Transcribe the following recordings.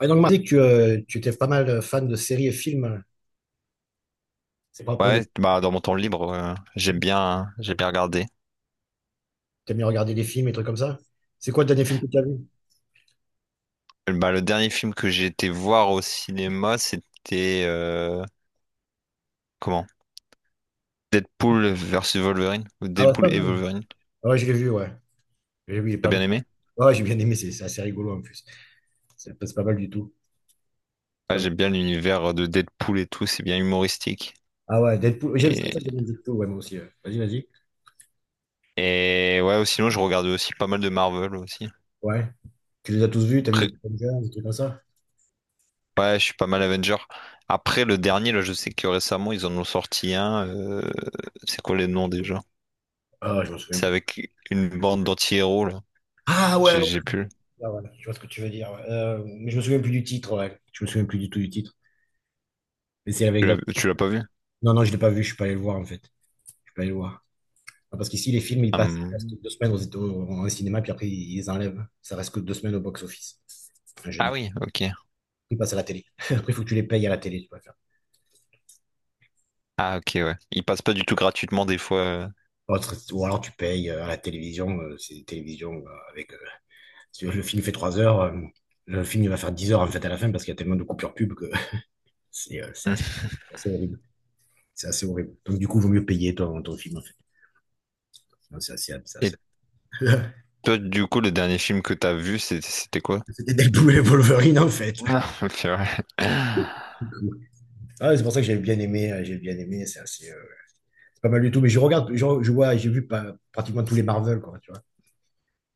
Ouais, donc, Marc, tu étais pas mal fan de séries et films, hein. C'est pas pour de, Ouais, bah, dans mon temps libre, j'aime hein. bien, hein, j'aime bien regarder. T'aimes bien regarder des films et trucs comme ça? C'est quoi le dernier film que tu as vu? Bah, le dernier film que j'ai été voir au cinéma, c'était comment? Deadpool versus Wolverine, ou Ah ouais, c'est Deadpool pas et mal. Wolverine. Ah ouais, je l'ai vu, ouais. J'ai vu, il est T'as pas mal. bien aimé? Ah ouais, j'ai bien aimé, c'est assez rigolo en plus. C'est pas mal du tout. C'est pas Ouais, mal. j'aime bien l'univers de Deadpool et tout, c'est bien humoristique. Ah ouais, Deadpool. J'aime C'est pour ça que Et, j'aime Deadpool, ouais, moi aussi, ouais. Vas-y, vas-y. et ouais, ou sinon, je regarde aussi pas mal de Marvel aussi. Ouais. Tu les as tous vus, t'as vu Après- les Avengers, des trucs comme ça? ouais, je suis pas mal Avenger. Après, le dernier, là, je sais que récemment, ils en ont sorti un, c'est quoi les noms déjà? Ah, ouais, je me souviens C'est plus. avec une bande d'anti-héros, là. Ah ouais, J'ai ouais, j'ai plus. ouais, ouais, je vois ce que tu veux dire, ouais. Mais je me souviens plus du titre, ouais. Je me souviens plus du tout du titre. Mais c'est avec la. Tu l'as pas vu? Non, non, je l'ai pas vu, je suis pas allé le voir en fait. Je suis pas allé le voir. Enfin, parce qu'ici, les films, ils passent, ils restent Hum. 2 semaines au cinéma, puis après, ils les enlèvent. Ça reste que 2 semaines au box-office. En Ah général, oui, ok. ils passent à la télé. Après, il faut que tu les payes à la télé, tu vas faire. Ah ok, ouais. Il passe pas du tout gratuitement des fois. Ou alors, tu payes à la télévision. C'est une télévision avec. Si le film fait 3 heures, le film, il va faire 10 heures, en fait, à la fin, parce qu'il y a tellement de coupures pub que c'est euh, c'est Hum. assez, c'est assez horrible. C'est assez horrible. Donc, du coup, il vaut mieux payer ton film, en fait. Non, c'est assez, c'est Et assez- toi, du coup, le dernier film que t'as vu, c'était quoi? C'était Deadpool et Wolverine, en fait. Ah, c'est vrai. Du coup. Ah, c'est pour ça que j'ai bien aimé. J'ai bien aimé. C'est assez, pas mal du tout. Mais je regarde, je vois, j'ai vu pas, pratiquement tous les Marvel, quoi, tu vois.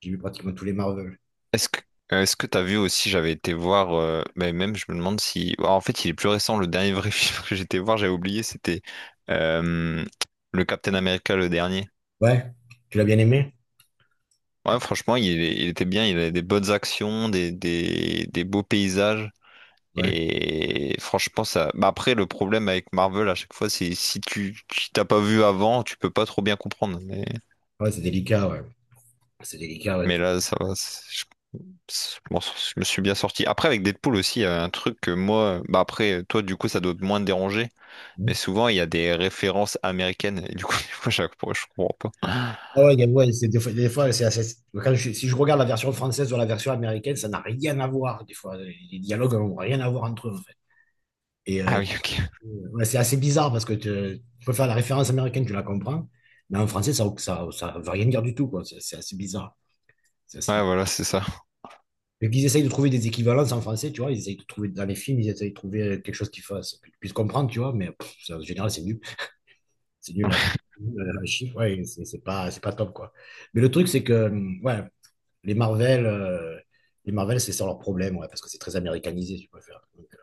J'ai vu pratiquement tous les Marvel. Est-ce que est-ce que t'as vu aussi, j'avais été voir, mais même je me demande si. Ah, en fait, il est plus récent, le dernier vrai film que j'étais voir, j'avais oublié, c'était euh, le Captain America, le dernier. Ouais. Tu l'as bien aimé? Ouais, franchement, il était bien, il avait des bonnes actions, des beaux paysages. Ouais. Et franchement, ça. Bah après, le problème avec Marvel à chaque fois, c'est si tu t'as pas vu avant, tu peux pas trop bien comprendre. Mais, Ouais, c'est délicat, ouais. C'est délicat, ouais. mais là, ça va. Bon, je me suis bien sorti. Après, avec Deadpool aussi, il y a un truc que moi. Bah après, toi, du coup, ça doit moins te déranger. Mais souvent, il y a des références américaines. Et du coup, des fois, chaque fois, je comprends pas. Ah ouais, ouais, c'est des fois, si je regarde la version française ou la version américaine, ça n'a rien à voir. Des fois, les dialogues n'ont rien à voir entre eux, en fait. Et Ah euh, oui, ok. ouais, c'est assez bizarre parce que tu peux faire la référence américaine, tu la comprends, mais en français, ça veut rien dire du tout, quoi. C'est assez bizarre. C'est assez Ouais, bizarre. voilà, c'est ça. Donc, ils essayent de trouver des équivalences en français, tu vois. Ils essayent de trouver dans les films, ils essayent de trouver quelque chose qui fasse, que tu puisses comprendre, tu vois. Mais pff, ça, en général, c'est nul. C'est nul, la chiffre. Ouais, c'est pas top, quoi. Mais le truc, c'est que, ouais, les Marvel, euh, les Marvel, c'est ça leur problème, ouais, parce que c'est très américanisé, tu peux faire. Donc,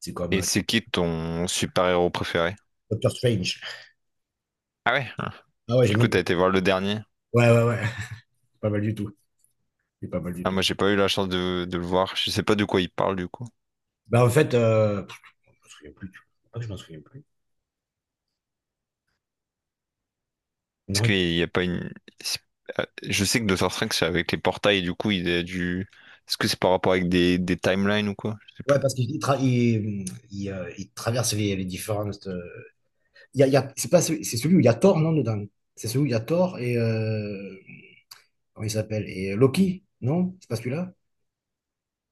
c'est comme Et c'est qui ton super-héros préféré? Doctor Strange. Ah ouais? Ah. Ah ouais, Du j'aime coup, t'as bien. été voir le dernier? Ouais, ouais, ouais. Pas mal du tout. C'est pas mal du Ah, tout. moi, j'ai pas eu la chance de le voir. Je sais pas de quoi il parle, du coup. Bah, en fait, pff, je m'en souviens plus, tu vois. Pas que je m'en souviens plus. Est-ce qu'il Non. n'y a pas une... c'est- Je sais que Doctor Strange, c'est avec les portails, et du coup, il a dû... Est-ce que c'est par rapport avec des timelines ou quoi? Je sais plus. Ouais, parce qu'il traverse les différentes. C'est pas celui, c'est celui où il y a Thor, non, dedans. C'est celui où il y a Thor et comment il s'appelle? Et Loki, non? C'est pas celui-là?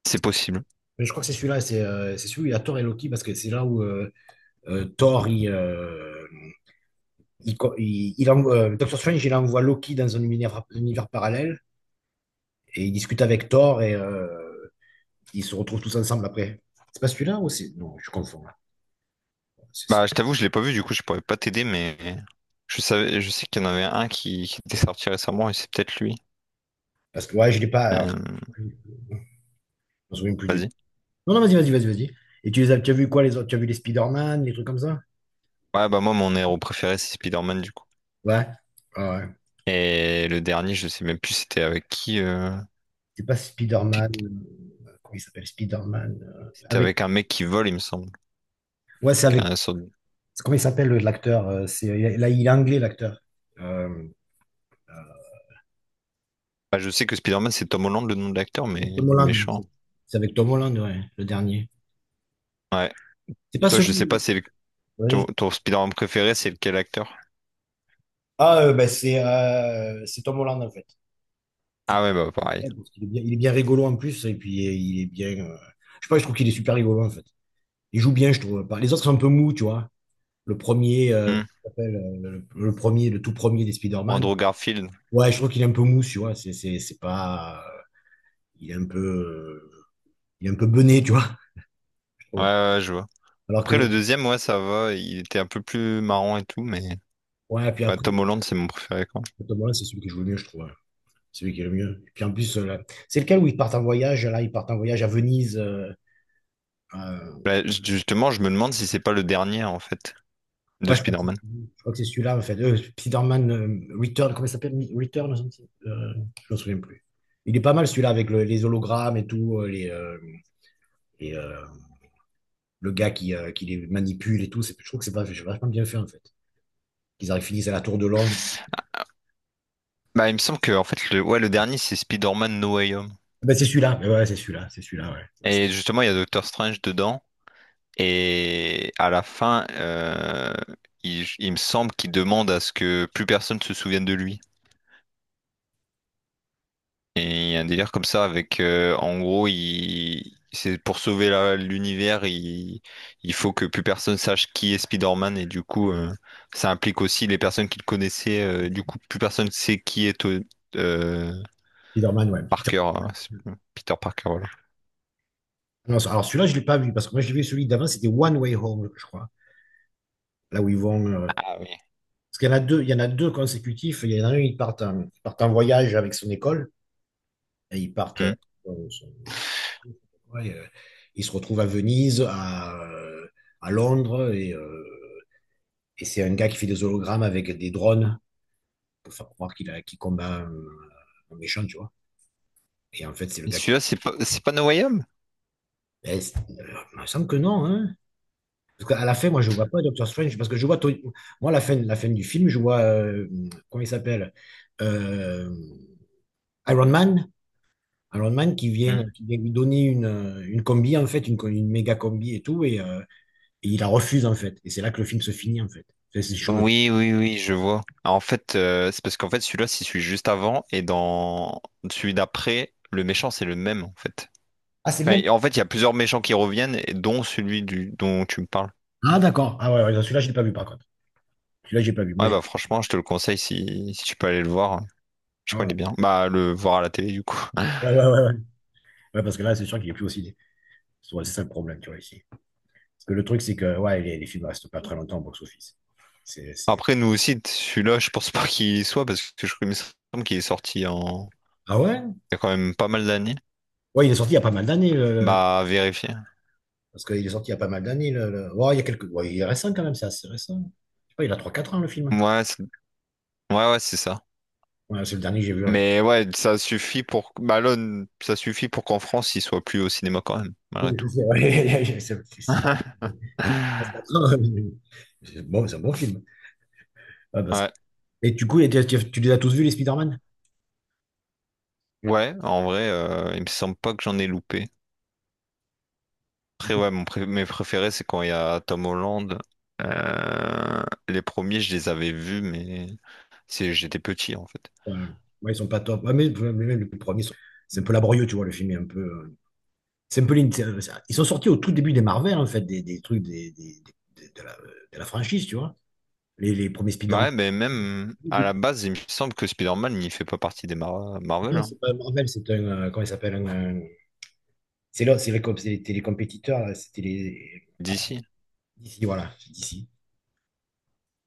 C'est Parce- possible. mais je crois que c'est celui-là, c'est celui où il y a Thor et Loki parce que c'est là où Thor il envoie, Doctor Strange il envoie Loki dans un univers, parallèle et il discute avec Thor et ils se retrouvent tous ensemble après. C'est pas celui-là ou c'est. Non, je confonds là. C'est- Bah, c'est- je t'avoue, je l'ai pas vu, du coup, je pourrais pas t'aider, mais je sais qu'il y en avait un qui était sorti récemment, et c'est peut-être lui. Parce que ouais, je l'ai pas. Euh, Je me souviens plus du. Vas-y. Non, non, vas-y, vas-y, vas-y, vas-y. Et tu as vu quoi les autres? Tu as vu les Spider-Man, les trucs comme ça? Ouais, bah moi, mon héros préféré, c'est Spider-Man, du coup. Ouais. Ah ouais. Et le dernier, je sais même plus c'était avec qui. C'est pas Spider-Man, comment il s'appelle? Spider-Man, C'était avec. avec un mec qui vole, il me semble. Ouais, c'est avec. Un sort de-. Comment il s'appelle l'acteur? C'est là, il est anglais l'acteur. Euh, Bah, je sais que Spider-Man, c'est Tom Holland, le nom de l'acteur, mais c'est Tom le Holland. méchant. C'est avec Tom Holland, ouais, le dernier. Ouais. C'est pas Toi, je sais pas celui. c'est... Ouais. Ton Spider-Man préféré, c'est quel acteur? Ah, ben, c'est Tom Holland en fait. C'est Tom Ah ouais, bah pareil. Holland, parce qu'il est bien, il est bien rigolo en plus et puis il est bien, je sais pas, je trouve qu'il est super rigolo en fait. Il joue bien, je trouve. Les autres sont un peu mous, tu vois. Le premier, Hmm. comment ça s'appelle, le premier, le tout premier des Spider-Man. Andrew Garfield. Ouais, je trouve qu'il est un peu mou, tu vois. C'est pas, il est un peu, il est un peu bené, tu vois, je Ouais, trouve. ouais, ouais, je vois. Alors que Après, le deuxième, ouais, ça va. Il était un peu plus marrant et tout, mais ouais, puis ouais, après, Tom Holland, c'est mon préféré, quoi. Tom Holland, c'est celui qui joue le mieux, je trouve, hein. Celui qui est le mieux. Puis en plus, là, c'est lequel où ils partent en voyage. Là, ils partent en voyage à Venise. Euh, Bah, justement, je me demande si c'est pas le dernier, en fait, de ouais, Spider-Man. je crois que c'est celui-là, en fait. Spider-Man Return, comment il s'appelle? Return, je me souviens plus. Il est pas mal celui-là avec les hologrammes et tout, les, et, le gars qui les manipule et tout. Je trouve que c'est pas- c'est vachement bien fait, en fait. Qu'ils arrivent, finissent à la tour de Londres. Bah, il me semble que en fait le dernier c'est Spider-Man No Way Home. Ah ben, c'est celui-là. Mais ouais, c'est celui-là. C'est celui-là, ouais. Ouais, c'est Et justement, il y a Doctor Strange dedans et à la fin, il me semble qu'il demande à ce que plus personne se souvienne de lui. Et il y a un délire comme ça avec, en gros, il c'est pour sauver l'univers, il faut que plus personne sache qui est Spider-Man et du coup, ça implique aussi les personnes qui le connaissaient, du coup plus personne sait qui est euh, Spider-Man, ouais. Putain. Parker, hein. Peter Parker voilà. Non, alors, celui-là, je l'ai pas vu parce que moi, j'ai vu celui d'avant. C'était One Way Home, je crois. Là où ils vont. Ah oui. Parce qu'il y en a deux, il y en a deux consécutifs. Il y en a un, ils partent en voyage avec son école et ils partent. Son- son- euh, ouais, ils se retrouvent à Venise, à Londres et. Et c'est un gars qui fait des hologrammes avec des drones pour faire croire qu'il combat un méchant, tu vois. Et en fait, c'est le Et gars qui. celui-là, c'est pas No Way Home? Ben, il me semble que non, hein. Parce qu'à la fin, moi, je vois pas Doctor Strange, parce que je vois. Moi, la fin du film, je vois. Comment il s'appelle? Euh, Iron Man. Iron Man Hmm. qui vient lui donner une combi, en fait, une méga combi et tout, et il la refuse, en fait. Et c'est là que le film se finit, en fait. C'est- c'est- je me- Oui, oui, oui, je vois. Ah, en fait, c'est parce qu'en fait, celui-là, c'est celui juste avant, et dans celui d'après, le méchant, c'est le même, en fait. Ah, c'est le Enfin, même. en fait, il y a plusieurs méchants qui reviennent, et dont celui dont tu me parles. Ah, d'accord. Ah, ouais, ouais, celui-là, je l'ai pas vu, par contre. Celui-là, j'ai pas vu. Moi, Ouais, j'ai. bah, franchement, je te le conseille si tu peux aller le voir. Je Ah, crois qu'il ouais, est bien. Bah, le voir à la télé, du coup. ouais, ouais, ouais. Ouais, ouais, parce que là, c'est sûr qu'il est plus aussi. C'est ça le problème, tu vois, ici. Parce que le truc, c'est que ouais, les films ne restent pas très longtemps au box-office. C'est… Après, nous aussi, celui-là, je pense pas qu'il y soit, parce que je crois il me semble qu'il est sorti en, Ah ouais? il y a quand même pas mal d'années. Ouais, il est sorti il y a pas mal d'années. Bah, à vérifier. Parce qu'il est sorti il y a pas mal d'années. Ouais, il y a quelques… ouais, il est récent quand même, c'est assez récent. Je sais pas, il a trois quatre ans, le film. Ouais, ouais, ouais, c'est ça. Ouais, c'est le dernier que j'ai vu, hein. Mais ouais, ça suffit pour Malone, ça suffit pour qu'en France, il soit plus au cinéma quand même, malgré Oui, tout. c'est vrai. Ouais, quatre ans, bon, c'est un bon film. Ouais, Ouais, Et du coup, tu les as tous vus, les Spider-Man? ouais, en vrai, il me semble pas que j'en ai loupé. Après, ouais, mon mes préférés, c'est quand il y a Tom Holland. Euh, les premiers, je les avais vus, mais c'est j'étais petit en fait. Ouais, ouais, ils sont pas top. Ouais, mais même les premiers, sont… c'est un peu laborieux, tu vois, le film est un peu… Sempoline, ils sont sortis au tout début des Marvel, en fait, des trucs de la franchise, tu vois. Les premiers Bah Spider-Man. ouais, mais même à la base, il me semble que Spider-Man, il fait pas partie des Marvel, Non, hein. c'est pas Marvel, c'est un. Comment il s'appelle un, un- C'est là, c'était les compétiteurs, là, c'était les. Ah, DC. DC, voilà, c'est DC.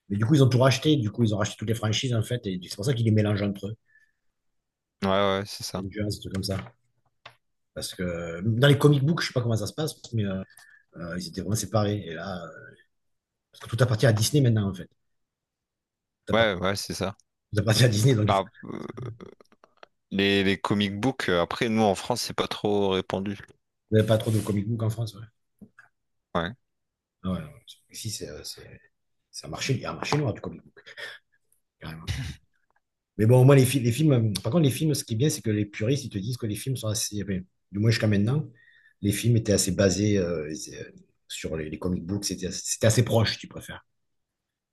Mais du coup, ils ont tout racheté, du coup, ils ont racheté toutes les franchises, en fait, et c'est pour ça qu'ils les mélangent entre eux. Ouais, ouais, c'est ça. Avengers, des trucs comme ça. Parce que dans les comic books, je sais pas comment ça se passe, mais ils étaient vraiment séparés. Et là, parce que tout appartient à Disney maintenant, en fait. Tout appart- Ouais, ouais, c'est ça. Tout appartient à Disney, donc il faut. Bah, les comic books, après, nous en France, c'est pas trop répandu. Vous n'avez pas trop de comic book en France, ouais. Ouais. Ouais, ouais. Ici, c'est c'est un marché, il y a un marché noir du comic book, carrément. Mais bon, au moins, les films, par contre, les films, ce qui est bien, c'est que les puristes, ils te disent que les films sont assez, enfin, du moins jusqu'à maintenant, les films étaient assez basés sur les comic books, c'était assez proche, si tu préfères.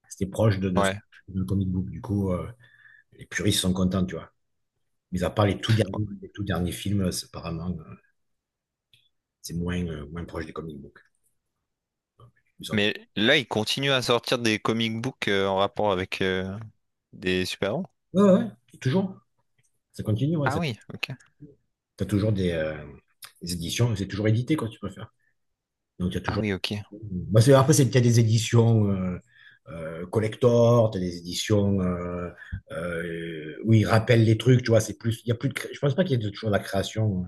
C'était proche Ouais. de comic book, du coup, les puristes sont contents, tu vois. Mais à part les tout derniers films, c'est apparemment, c'est moins, moins proche des comic books. Ils sont- Mais là, ils continuent à sortir des comic books, en rapport avec, des super-héros. Ouais, ouais, ouais. Toujours, ça continue, ouais. Ah ça- oui, ok. T'as toujours des éditions, c'est toujours édité, quoi, tu préfères. Donc, il y a Ah toujours. oui, ok. Bah, après, c'est, qu'il y a des éditions collector, t'as des éditions où ils rappellent les trucs, tu vois. Il y a plus de, je pense pas qu'il y ait toujours la création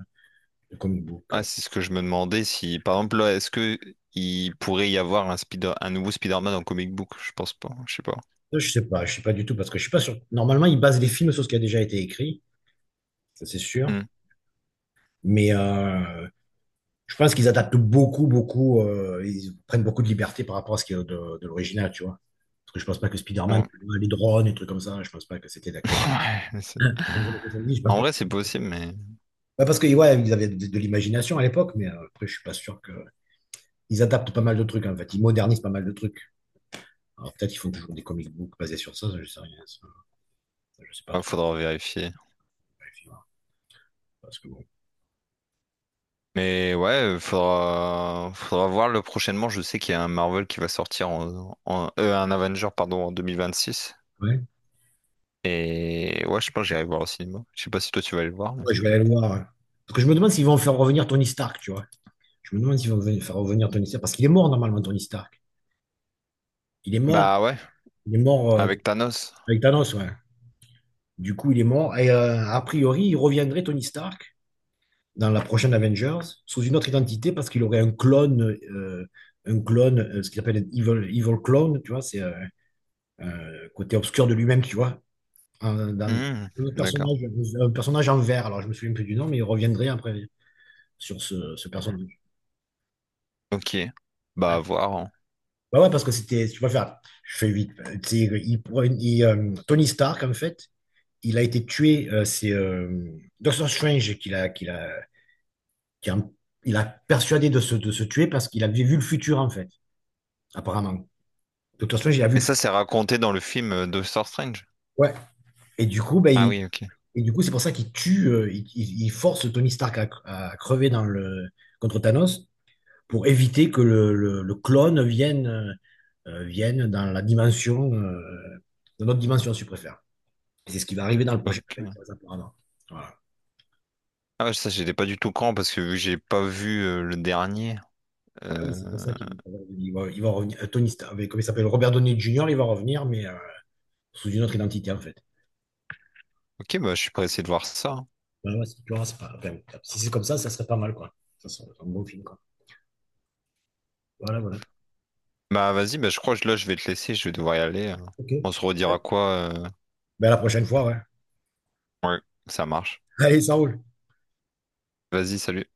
de comic book. Ah, c'est ce que je me demandais si, par exemple, là, est-ce que il pourrait y avoir un un nouveau Spider-Man en comic book? Je pense pas. Je sais pas. Ça, je sais pas, je sais pas du tout parce que je suis pas sûr. Normalement, ils basent les films sur ce qui a déjà été écrit, ça c'est sûr. Hmm. Mais je pense qu'ils adaptent beaucoup, beaucoup. Ils prennent beaucoup de liberté par rapport à ce qui est de l'original, tu vois. Parce que je pense pas que Spider-Man, Ouais. les drones, et trucs comme ça, je pense pas que c'était d'actualité. Ouais, mais Je pense en vrai, c'est possible, mais Ouais, parce que ouais, ils avaient de l'imagination à l'époque, mais après, je suis pas sûr que. Ils adaptent pas mal de trucs, hein, en fait. Ils modernisent pas mal de trucs. Alors peut-être qu'ils font toujours des comic books basés sur ça, ça, je sais rien. Ça. Je sais pas il trop. faudra vérifier. Ouais, puis, voilà. Parce que bon. Mais ouais, faudra voir le prochainement. Je sais qu'il y a un Marvel qui va sortir en, un Avenger, pardon, en six. Ouais. Et ouais, je pense que j'irai le voir au cinéma. Je sais pas si toi tu vas aller le voir, mais... Ouais, je vais aller le voir, hein. Parce que je me demande s'ils vont faire revenir Tony Stark, tu vois. Je me demande s'ils vont faire revenir Tony Stark. Parce qu'il est mort normalement, Tony Stark. Il est mort. Bah ouais, Il est mort avec Thanos. avec Thanos, ouais. Du coup, il est mort. Et a priori, il reviendrait Tony Stark dans la prochaine Avengers sous une autre identité parce qu'il aurait un clone, ce qu'ils appellent evil clone, tu vois, c'est un côté obscur de lui-même, tu vois, dans Hmm, un autre d'accord. personnage, un personnage en vert. Alors je me souviens plus du nom, mais il reviendrait après sur ce personnage. Ok. Bah Ouais. à voir, hein. Bah ouais, parce que c'était, tu vois, faire, je fais vite. Tony Stark, en fait, il a été tué. C'est Doctor Strange qui l'a, qui l'a, qui a- il a persuadé de de se tuer parce qu'il avait vu le futur, en fait, apparemment. Doctor Strange, il a vu Et le. ça, c'est raconté dans le film, Doctor Strange. Ouais. Et du coup, ben, Ah il- oui, ok. et du coup, c'est pour ça qu'il tue, il force Tony Stark à crever dans contre Thanos pour éviter que le clone vienne, vienne dans la dimension, dans notre dimension, si tu préfères. Et c'est ce qui va arriver dans le prochain Ok. Avengers, apparemment. Voilà. Ah ouais, ça, j'étais pas du tout quand parce que vu que j'ai pas vu, le dernier. Ah ouais, c'est pour euh, ça qu'il va, il va revenir. Tony Stark, avec- comment il s'appelle? Robert Downey Jr., il va revenir, mais sous une autre identité, en fait. Ok, bah je suis pressé de voir ça, hein. Ouais, ouais, tu vois, c'est pas- enfin, si c'est comme ça serait pas mal, quoi. Ça serait un bon film, quoi. Voilà, voilà. Bah vas-y, bah, je crois que là je vais te laisser, je vais devoir y aller, hein. On Ok. se redira quoi? Ben, à la prochaine fois, ouais. Ouais, ça marche. Allez, ça roule. Vas-y, salut.